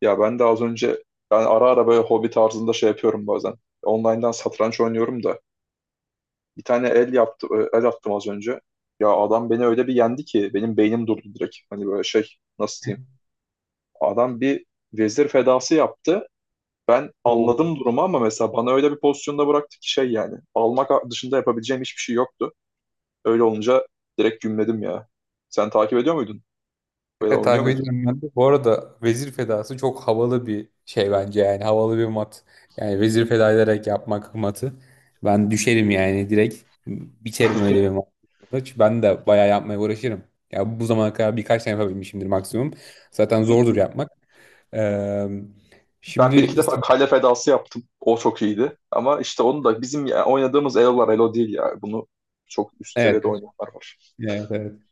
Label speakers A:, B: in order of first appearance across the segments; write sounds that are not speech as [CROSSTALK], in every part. A: Ya ben de az önce ben ara ara böyle hobi tarzında şey yapıyorum bazen. Online'dan satranç oynuyorum da bir tane el yaptı el attım az önce. Ya adam beni öyle bir yendi ki benim beynim durdu direkt. Hani böyle şey, nasıl diyeyim? Adam bir vezir fedası yaptı. Ben
B: Oo.
A: anladım durumu ama mesela bana öyle bir pozisyonda bıraktı ki şey, yani almak dışında yapabileceğim hiçbir şey yoktu. Öyle olunca direkt gümledim ya. Sen takip ediyor muydun? Böyle
B: Evet
A: oynuyor
B: takip
A: muydun?
B: ediyorum ben de. Bu arada Vezir Fedası çok havalı bir şey bence yani havalı bir mat. Yani Vezir Feda ederek yapmak matı. Ben düşerim yani direkt biterim öyle bir mat. Çünkü ben de bayağı yapmaya uğraşırım. Ya bu zamana kadar birkaç tane yapabilmişimdir maksimum. Zaten zordur yapmak. Ee,
A: Ben bir iki
B: şimdi.
A: defa kale fedası yaptım. O çok iyiydi. Ama işte onu da bizim oynadığımız Elo'lar Elo değil ya. Bunu çok üst
B: Evet,
A: seviyede oynayanlar var.
B: evet, evet.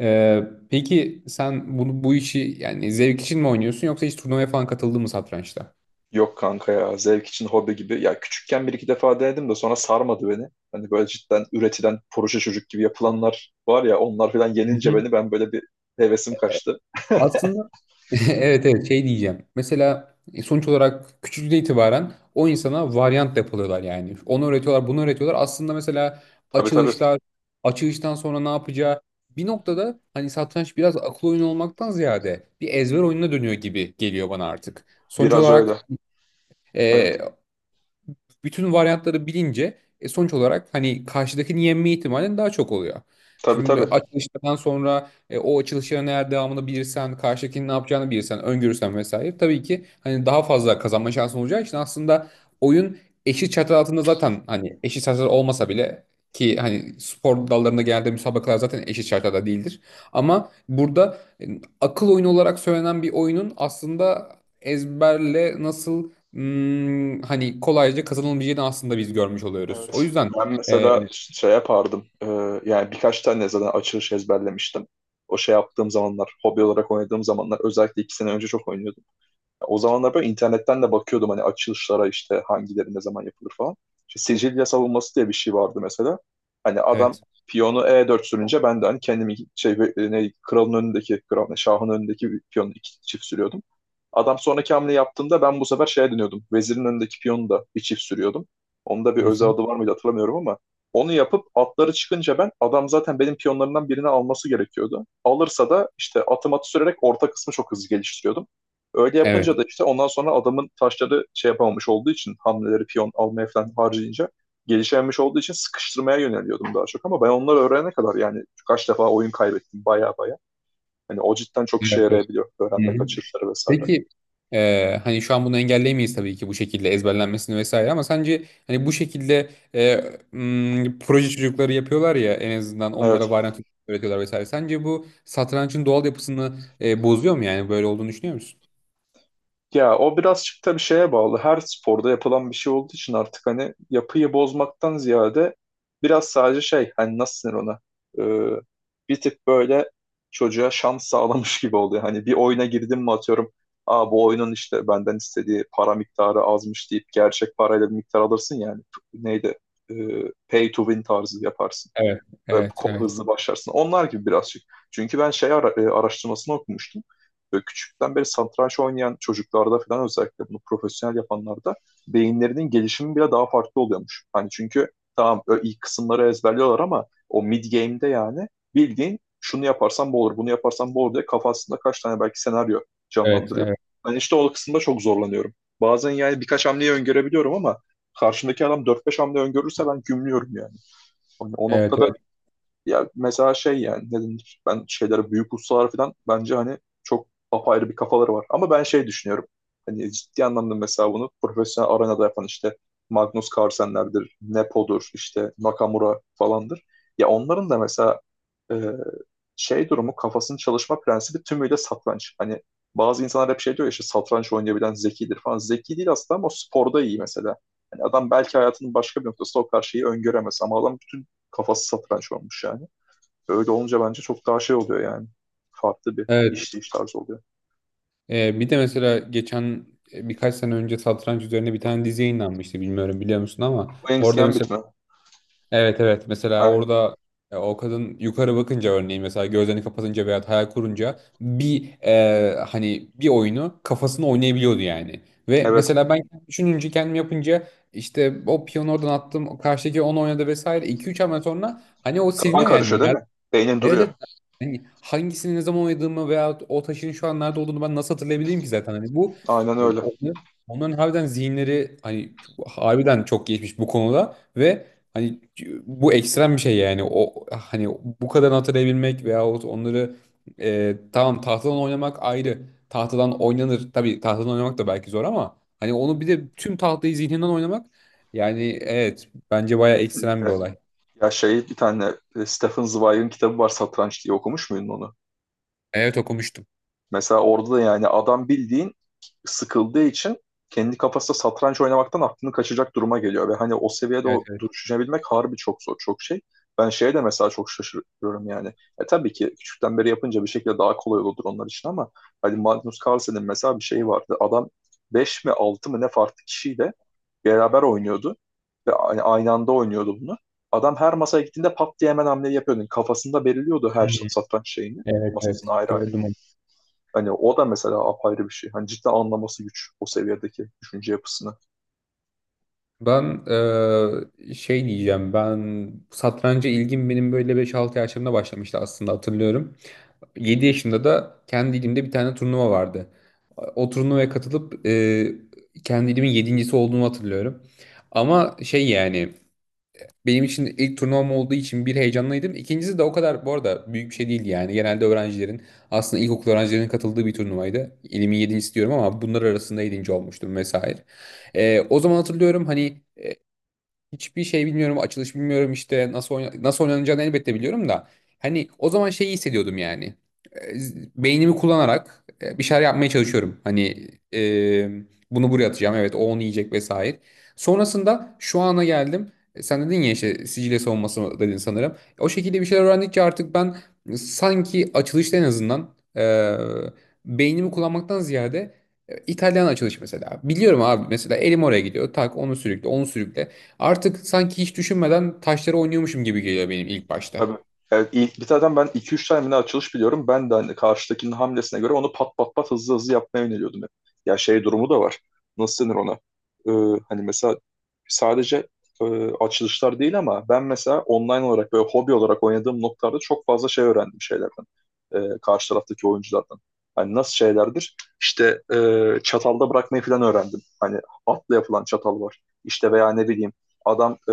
B: Ee, peki sen bunu bu işi yani zevk için mi oynuyorsun yoksa hiç turnuvaya falan katıldın mı satrançta?
A: Yok kanka, ya zevk için, hobi gibi. Ya küçükken bir iki defa denedim de sonra sarmadı beni. Hani böyle cidden üretilen proje çocuk gibi yapılanlar var ya, onlar falan yenince
B: [LAUGHS]
A: beni, ben böyle bir hevesim kaçtı.
B: Aslında [LAUGHS] evet, evet, şey diyeceğim. Mesela sonuç olarak küçüklükten itibaren o insana varyant depoluyorlar yani. Onu öğretiyorlar, bunu öğretiyorlar. Aslında mesela
A: Tabii tabii,
B: açılışlar, açılıştan sonra ne yapacağı bir noktada hani satranç biraz akıl oyunu olmaktan ziyade bir ezber oyununa dönüyor gibi geliyor bana artık. Sonuç
A: biraz
B: olarak
A: öyle. Evet.
B: e, bütün varyantları bilince sonuç olarak hani karşıdakini yenme ihtimalin daha çok oluyor.
A: Tabii
B: Şimdi
A: tabii.
B: açılıştan sonra o açılışların eğer devamını bilirsen, karşıdakinin ne yapacağını bilirsen, öngörürsen vesaire tabii ki hani daha fazla kazanma şansın olacağı için aslında oyun eşit çatı altında zaten hani eşit çatı olmasa bile ki hani spor dallarında genelde müsabakalar zaten eşit şartlarda değildir. Ama burada akıl oyunu olarak söylenen bir oyunun aslında ezberle nasıl hani kolayca kazanılmayacağını aslında biz görmüş oluyoruz. O
A: Evet.
B: yüzden
A: Ben
B: e,
A: mesela şey yapardım. Yani birkaç tane zaten açılış ezberlemiştim. O şey yaptığım zamanlar, hobi olarak oynadığım zamanlar, özellikle iki sene önce çok oynuyordum. O zamanlar böyle internetten de bakıyordum hani açılışlara, işte hangileri ne zaman yapılır falan. İşte Sicilya savunması diye bir şey vardı mesela. Hani adam
B: evet.
A: piyonu E4 sürünce ben de hani kendimi şey, ne kralın önündeki kral ne, şahın önündeki bir piyonu iki çift sürüyordum. Adam sonraki hamle yaptığında ben bu sefer şeye dönüyordum. Vezirin önündeki piyonu da bir çift sürüyordum. Onun da bir
B: Hı
A: özel
B: hı.
A: adı var mıydı hatırlamıyorum ama onu yapıp atları çıkınca, ben adam zaten benim piyonlarımdan birini alması gerekiyordu. Alırsa da işte atım atı sürerek orta kısmı çok hızlı geliştiriyordum. Öyle
B: Evet.
A: yapınca da işte ondan sonra adamın taşları şey yapamamış olduğu için, hamleleri piyon almaya falan harcayınca, gelişememiş olduğu için sıkıştırmaya yöneliyordum daha çok. Ama ben onları öğrenene kadar yani kaç defa oyun kaybettim baya baya. Hani o cidden çok işe
B: Evet. Evet.
A: yarayabiliyor, öğrenmek
B: Hı hı.
A: kaçırışları vesaire.
B: Peki hani şu an bunu engelleyemeyiz tabii ki bu şekilde ezberlenmesini vesaire ama sence hani bu şekilde proje çocukları yapıyorlar ya en azından onlara
A: Evet.
B: varyant öğretiyorlar vesaire. Sence bu satrançın doğal yapısını bozuyor mu yani böyle olduğunu düşünüyor musun?
A: Ya o birazcık da bir şeye bağlı. Her sporda yapılan bir şey olduğu için artık hani yapıyı bozmaktan ziyade biraz sadece şey, hani nasıl denir ona? Ee, Bir tık böyle çocuğa şans sağlamış gibi oluyor. Hani bir oyuna girdim mi, atıyorum, aa, bu oyunun işte benden istediği para miktarı azmış deyip gerçek parayla bir miktar alırsın yani, neydi, Ee, pay to win tarzı yaparsın,
B: Evet, evet, evet,
A: hızlı başlarsın. Onlar gibi birazcık. Çünkü ben şey, araştırmasını okumuştum. Böyle küçükten beri satranç oynayan çocuklarda falan, özellikle bunu profesyonel yapanlarda, beyinlerinin gelişimi bile daha farklı oluyormuş. Hani çünkü tamam, ilk kısımları ezberliyorlar ama o mid game'de yani bildiğin şunu yaparsan bu olur, bunu yaparsan bu olur diye kafasında kaç tane belki senaryo
B: evet,
A: canlandırıyor.
B: evet,
A: Ben işte o kısımda çok zorlanıyorum. Bazen yani birkaç hamleyi öngörebiliyorum ama karşımdaki adam dört beş hamle öngörürse ben gümlüyorum yani. Hani o
B: evet,
A: noktada
B: evet.
A: ya, mesela şey yani, ne denir? Ben şeylere, büyük ustalar falan, bence hani çok apayrı bir kafaları var. Ama ben şey düşünüyorum. Hani ciddi anlamda mesela bunu profesyonel arenada yapan, işte Magnus Carlsen'lerdir, Nepo'dur, işte Nakamura falandır. Ya onların da mesela e, şey durumu, kafasının çalışma prensibi tümüyle satranç. Hani bazı insanlar hep şey diyor ya, işte satranç oynayabilen zekidir falan. Zeki değil aslında ama o sporda iyi mesela. Hani adam belki hayatının başka bir noktasında o karşıyı öngöremez ama adam bütün kafası satranç olmuş yani. Öyle olunca bence çok daha şey oluyor yani. Farklı bir
B: Evet.
A: işleyiş tarzı oluyor.
B: Bir de mesela geçen birkaç sene önce satranç üzerine bir tane dizi yayınlanmıştı, bilmiyorum biliyor musun, ama
A: Queen's
B: orada
A: Gambit
B: mesela
A: mi?
B: evet, evet, mesela
A: Aynen.
B: orada o kadın yukarı bakınca örneğin mesela gözlerini kapatınca veya hayal kurunca bir hani bir oyunu kafasında oynayabiliyordu yani. Ve
A: Evet.
B: mesela ben düşününce kendim yapınca işte o piyonu oradan attım o karşıdaki onu oynadı vesaire iki üç hamle sonra hani o
A: Kafan
B: siliniyor yani.
A: karışıyor değil mi? Beynin
B: Evet,
A: duruyor.
B: evet. Yani hangisini ne zaman oynadığımı veya o taşın şu an nerede olduğunu ben nasıl hatırlayabileyim ki zaten. Hani bu
A: Aynen
B: e,
A: öyle.
B: onların, onların harbiden zihinleri hani harbiden çok geçmiş bu konuda ve hani bu ekstrem bir şey yani o hani bu kadar hatırlayabilmek veyahut onları tamam tahtadan oynamak ayrı. Tahtadan oynanır. Tabii tahtadan oynamak da belki zor ama hani onu bir de tüm tahtayı zihninden oynamak yani evet bence bayağı ekstrem bir
A: Kesinlikle.
B: olay.
A: Ya şey, bir tane Stephen Zweig'in kitabı var, Satranç diye, okumuş muydun onu?
B: Evet, okumuştum.
A: Mesela orada da yani adam bildiğin sıkıldığı için kendi kafasında satranç oynamaktan aklını kaçacak duruma geliyor. Ve hani o seviyede
B: Evet,
A: o
B: evet.
A: düşünebilmek harbi çok zor, çok şey. Ben şeye de mesela çok şaşırıyorum yani. E tabii ki küçükten beri yapınca bir şekilde daha kolay olurdur onlar için ama hani Magnus Carlsen'in mesela bir şeyi vardı. Adam 5 mi 6 mı ne farklı kişiyle beraber oynuyordu. Ve hani aynı anda oynuyordu bunu. Adam her masaya gittiğinde pat diye hemen hamleyi yapıyordu. Kafasında belirliyordu her satranç şeyini.
B: Evet, evet,
A: Masasını ayrı ayrı.
B: gördüm onu.
A: Hani o da mesela apayrı bir şey. Hani cidden anlaması güç o seviyedeki düşünce yapısını.
B: Ben şey diyeceğim, ben satranca ilgim benim böyle beş 6 yaşlarımda başlamıştı aslında hatırlıyorum. Yedi yaşımda da kendi ilimde bir tane turnuva vardı. O turnuvaya katılıp kendi ilimin 7.'si olduğumu hatırlıyorum. Ama şey yani benim için ilk turnuvam olduğu için bir heyecanlıydım. İkincisi de o kadar bu arada büyük bir şey değildi yani. Genelde öğrencilerin aslında ilkokul öğrencilerinin katıldığı bir turnuvaydı. İlimin yedincisi diyorum ama bunlar arasında yedinci olmuştum vesaire. O zaman hatırlıyorum hani hiçbir şey bilmiyorum, açılış bilmiyorum, işte nasıl oynanacağını elbette biliyorum da hani o zaman şeyi hissediyordum yani. Beynimi kullanarak bir şeyler yapmaya çalışıyorum. Hani e, bunu buraya atacağım. Evet, o onu yiyecek vesaire. Sonrasında şu ana geldim. Sen dedin ya işte Sicilya savunması dedin sanırım. O şekilde bir şeyler öğrendikçe artık ben sanki açılışta en azından beynimi kullanmaktan ziyade İtalyan açılış mesela. Biliyorum abi, mesela elim oraya gidiyor. Tak, onu sürükle, onu sürükle. Artık sanki hiç düşünmeden taşları oynuyormuşum gibi geliyor benim ilk başta.
A: Tabii. Evet, bir tane ben iki üç tane mi ne açılış biliyorum. Ben de hani karşıdakinin hamlesine göre onu pat pat pat hızlı hızlı yapmaya yöneliyordum hep. Ya şey durumu da var. Nasıl denir ona? Hani mesela sadece e, açılışlar değil, ama ben mesela online olarak böyle hobi olarak oynadığım noktalarda çok fazla şey öğrendim şeylerden. Karşı taraftaki oyunculardan. Hani nasıl şeylerdir? İşte çatalda bırakmayı falan öğrendim. Hani atla yapılan çatal var. İşte veya ne bileyim, adam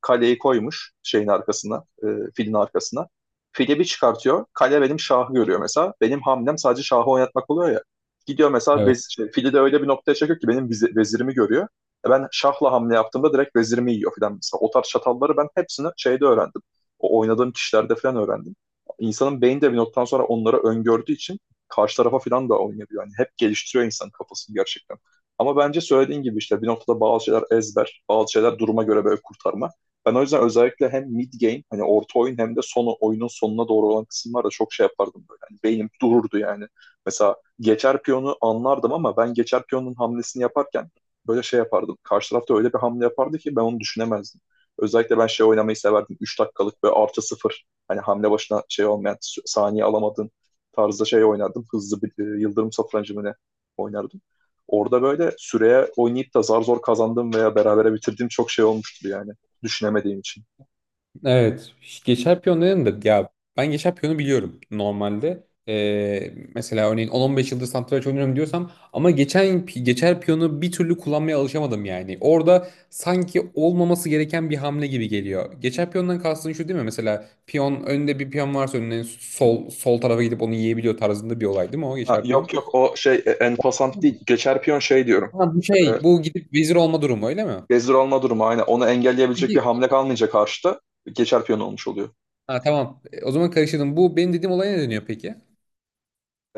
A: kaleyi koymuş şeyin arkasına, filin arkasına. Fili bir çıkartıyor. Kale benim şahı görüyor mesela. Benim hamlem sadece şahı oynatmak oluyor ya. Gidiyor mesela,
B: Evet.
A: vez, şey, fili de öyle bir noktaya çekiyor ki benim vezirimi görüyor. E ben şahla hamle yaptığımda direkt vezirimi yiyor falan mesela. O tarz çatalları ben hepsini şeyde öğrendim. O oynadığım kişilerde falan öğrendim. İnsanın beyni de bir noktadan sonra onları öngördüğü için karşı tarafa falan da oynayabiliyor. Yani hep geliştiriyor insanın kafasını gerçekten. Ama bence söylediğin gibi işte bir noktada bazı şeyler ezber, bazı şeyler duruma göre böyle kurtarma. Ben o yüzden özellikle hem mid game, hani orta oyun, hem de son oyunun sonuna doğru olan kısımlarda çok şey yapardım böyle. Hani beynim dururdu yani. Mesela geçer piyonu anlardım ama ben geçer piyonun hamlesini yaparken böyle şey yapardım. Karşı tarafta öyle bir hamle yapardı ki ben onu düşünemezdim. Özellikle ben şey oynamayı severdim. 3 dakikalık böyle artı sıfır. Hani hamle başına şey olmayan, saniye alamadığın tarzda şey oynardım. Hızlı bir yıldırım satrancı mı ne oynardım. Orada böyle süreye oynayıp da zar zor kazandığım veya berabere bitirdiğim çok şey olmuştur yani. Düşünemediğim için.
B: Evet. Geçer piyon dedim de ya, ben geçer piyonu biliyorum normalde. Mesela örneğin 10-15 yıldır satranç oynuyorum diyorsam ama geçen geçer piyonu bir türlü kullanmaya alışamadım yani. Orada sanki olmaması gereken bir hamle gibi geliyor. Geçer piyondan kastın şu değil mi? Mesela piyon önünde bir piyon varsa önüne sol sol tarafa gidip onu yiyebiliyor tarzında bir olay değil mi o
A: Ha,
B: geçer piyon?
A: yok yok, o şey, en pasant değil. Geçer piyon şey diyorum.
B: Ha, bu
A: E,
B: şey, bu gidip vezir olma durumu öyle mi?
A: gezdir alma durumu, aynen. Onu engelleyebilecek bir
B: Peki,
A: hamle kalmayınca karşıda geçer piyon olmuş oluyor.
B: ha, tamam. O zaman karıştırdım. Bu benim dediğim olaya ne deniyor peki?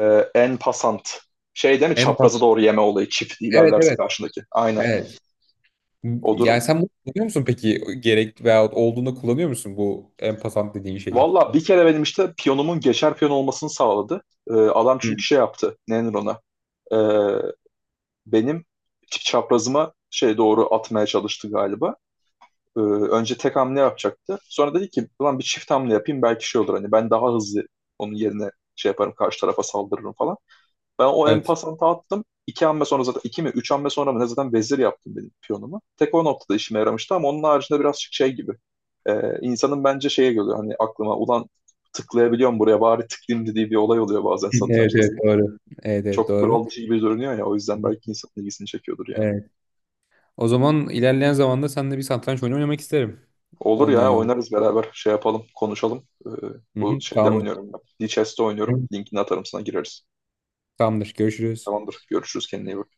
A: E, en pasant. Şey değil mi,
B: En
A: çaprazı doğru yeme olayı çift
B: Evet,
A: ilerlerse
B: evet.
A: karşındaki. Aynen
B: Evet.
A: o
B: Yani
A: durum.
B: sen bunu kullanıyor musun peki? Gerek veyahut olduğunda kullanıyor musun bu en dediğin şeyi?
A: Valla bir kere benim işte piyonumun geçer piyon olmasını sağladı. E, adam
B: Hı.
A: çünkü şey yaptı. Ne denir ona? E, benim çaprazıma şey doğru atmaya çalıştı galiba. Önce tek hamle yapacaktı. Sonra dedi ki ulan bir çift hamle yapayım belki şey olur, hani ben daha hızlı, onun yerine şey yaparım, karşı tarafa saldırırım falan. Ben o
B: Evet.
A: empasanta attım. İki hamle sonra, zaten iki mi üç hamle sonra mı ne, zaten vezir yaptım benim piyonumu. Tek o noktada işime yaramıştı ama onun haricinde birazcık şey gibi. İnsanın bence şeye geliyor hani, aklıma ulan tıklayabiliyorum buraya bari tıklayayım dediği bir olay oluyor bazen
B: Hı, evet,
A: satrançta.
B: evet, doğru. Evet, evet,
A: Çok
B: doğru.
A: kural dışı gibi görünüyor ya, o yüzden belki insanın ilgisini çekiyordur yani.
B: Evet. O zaman ilerleyen zamanda seninle bir satranç oyunu oynamak isterim.
A: Olur ya,
B: Online olarak.
A: oynarız beraber, şey yapalım, konuşalım.
B: Hı
A: Bu
B: hı,
A: şeyde
B: Tamamdır.
A: oynuyorum ben. Lichess'te oynuyorum.
B: Hı.
A: Linkini atarım sana, gireriz.
B: Tamamdır. Görüşürüz.
A: Tamamdır. Görüşürüz, kendine iyi bak.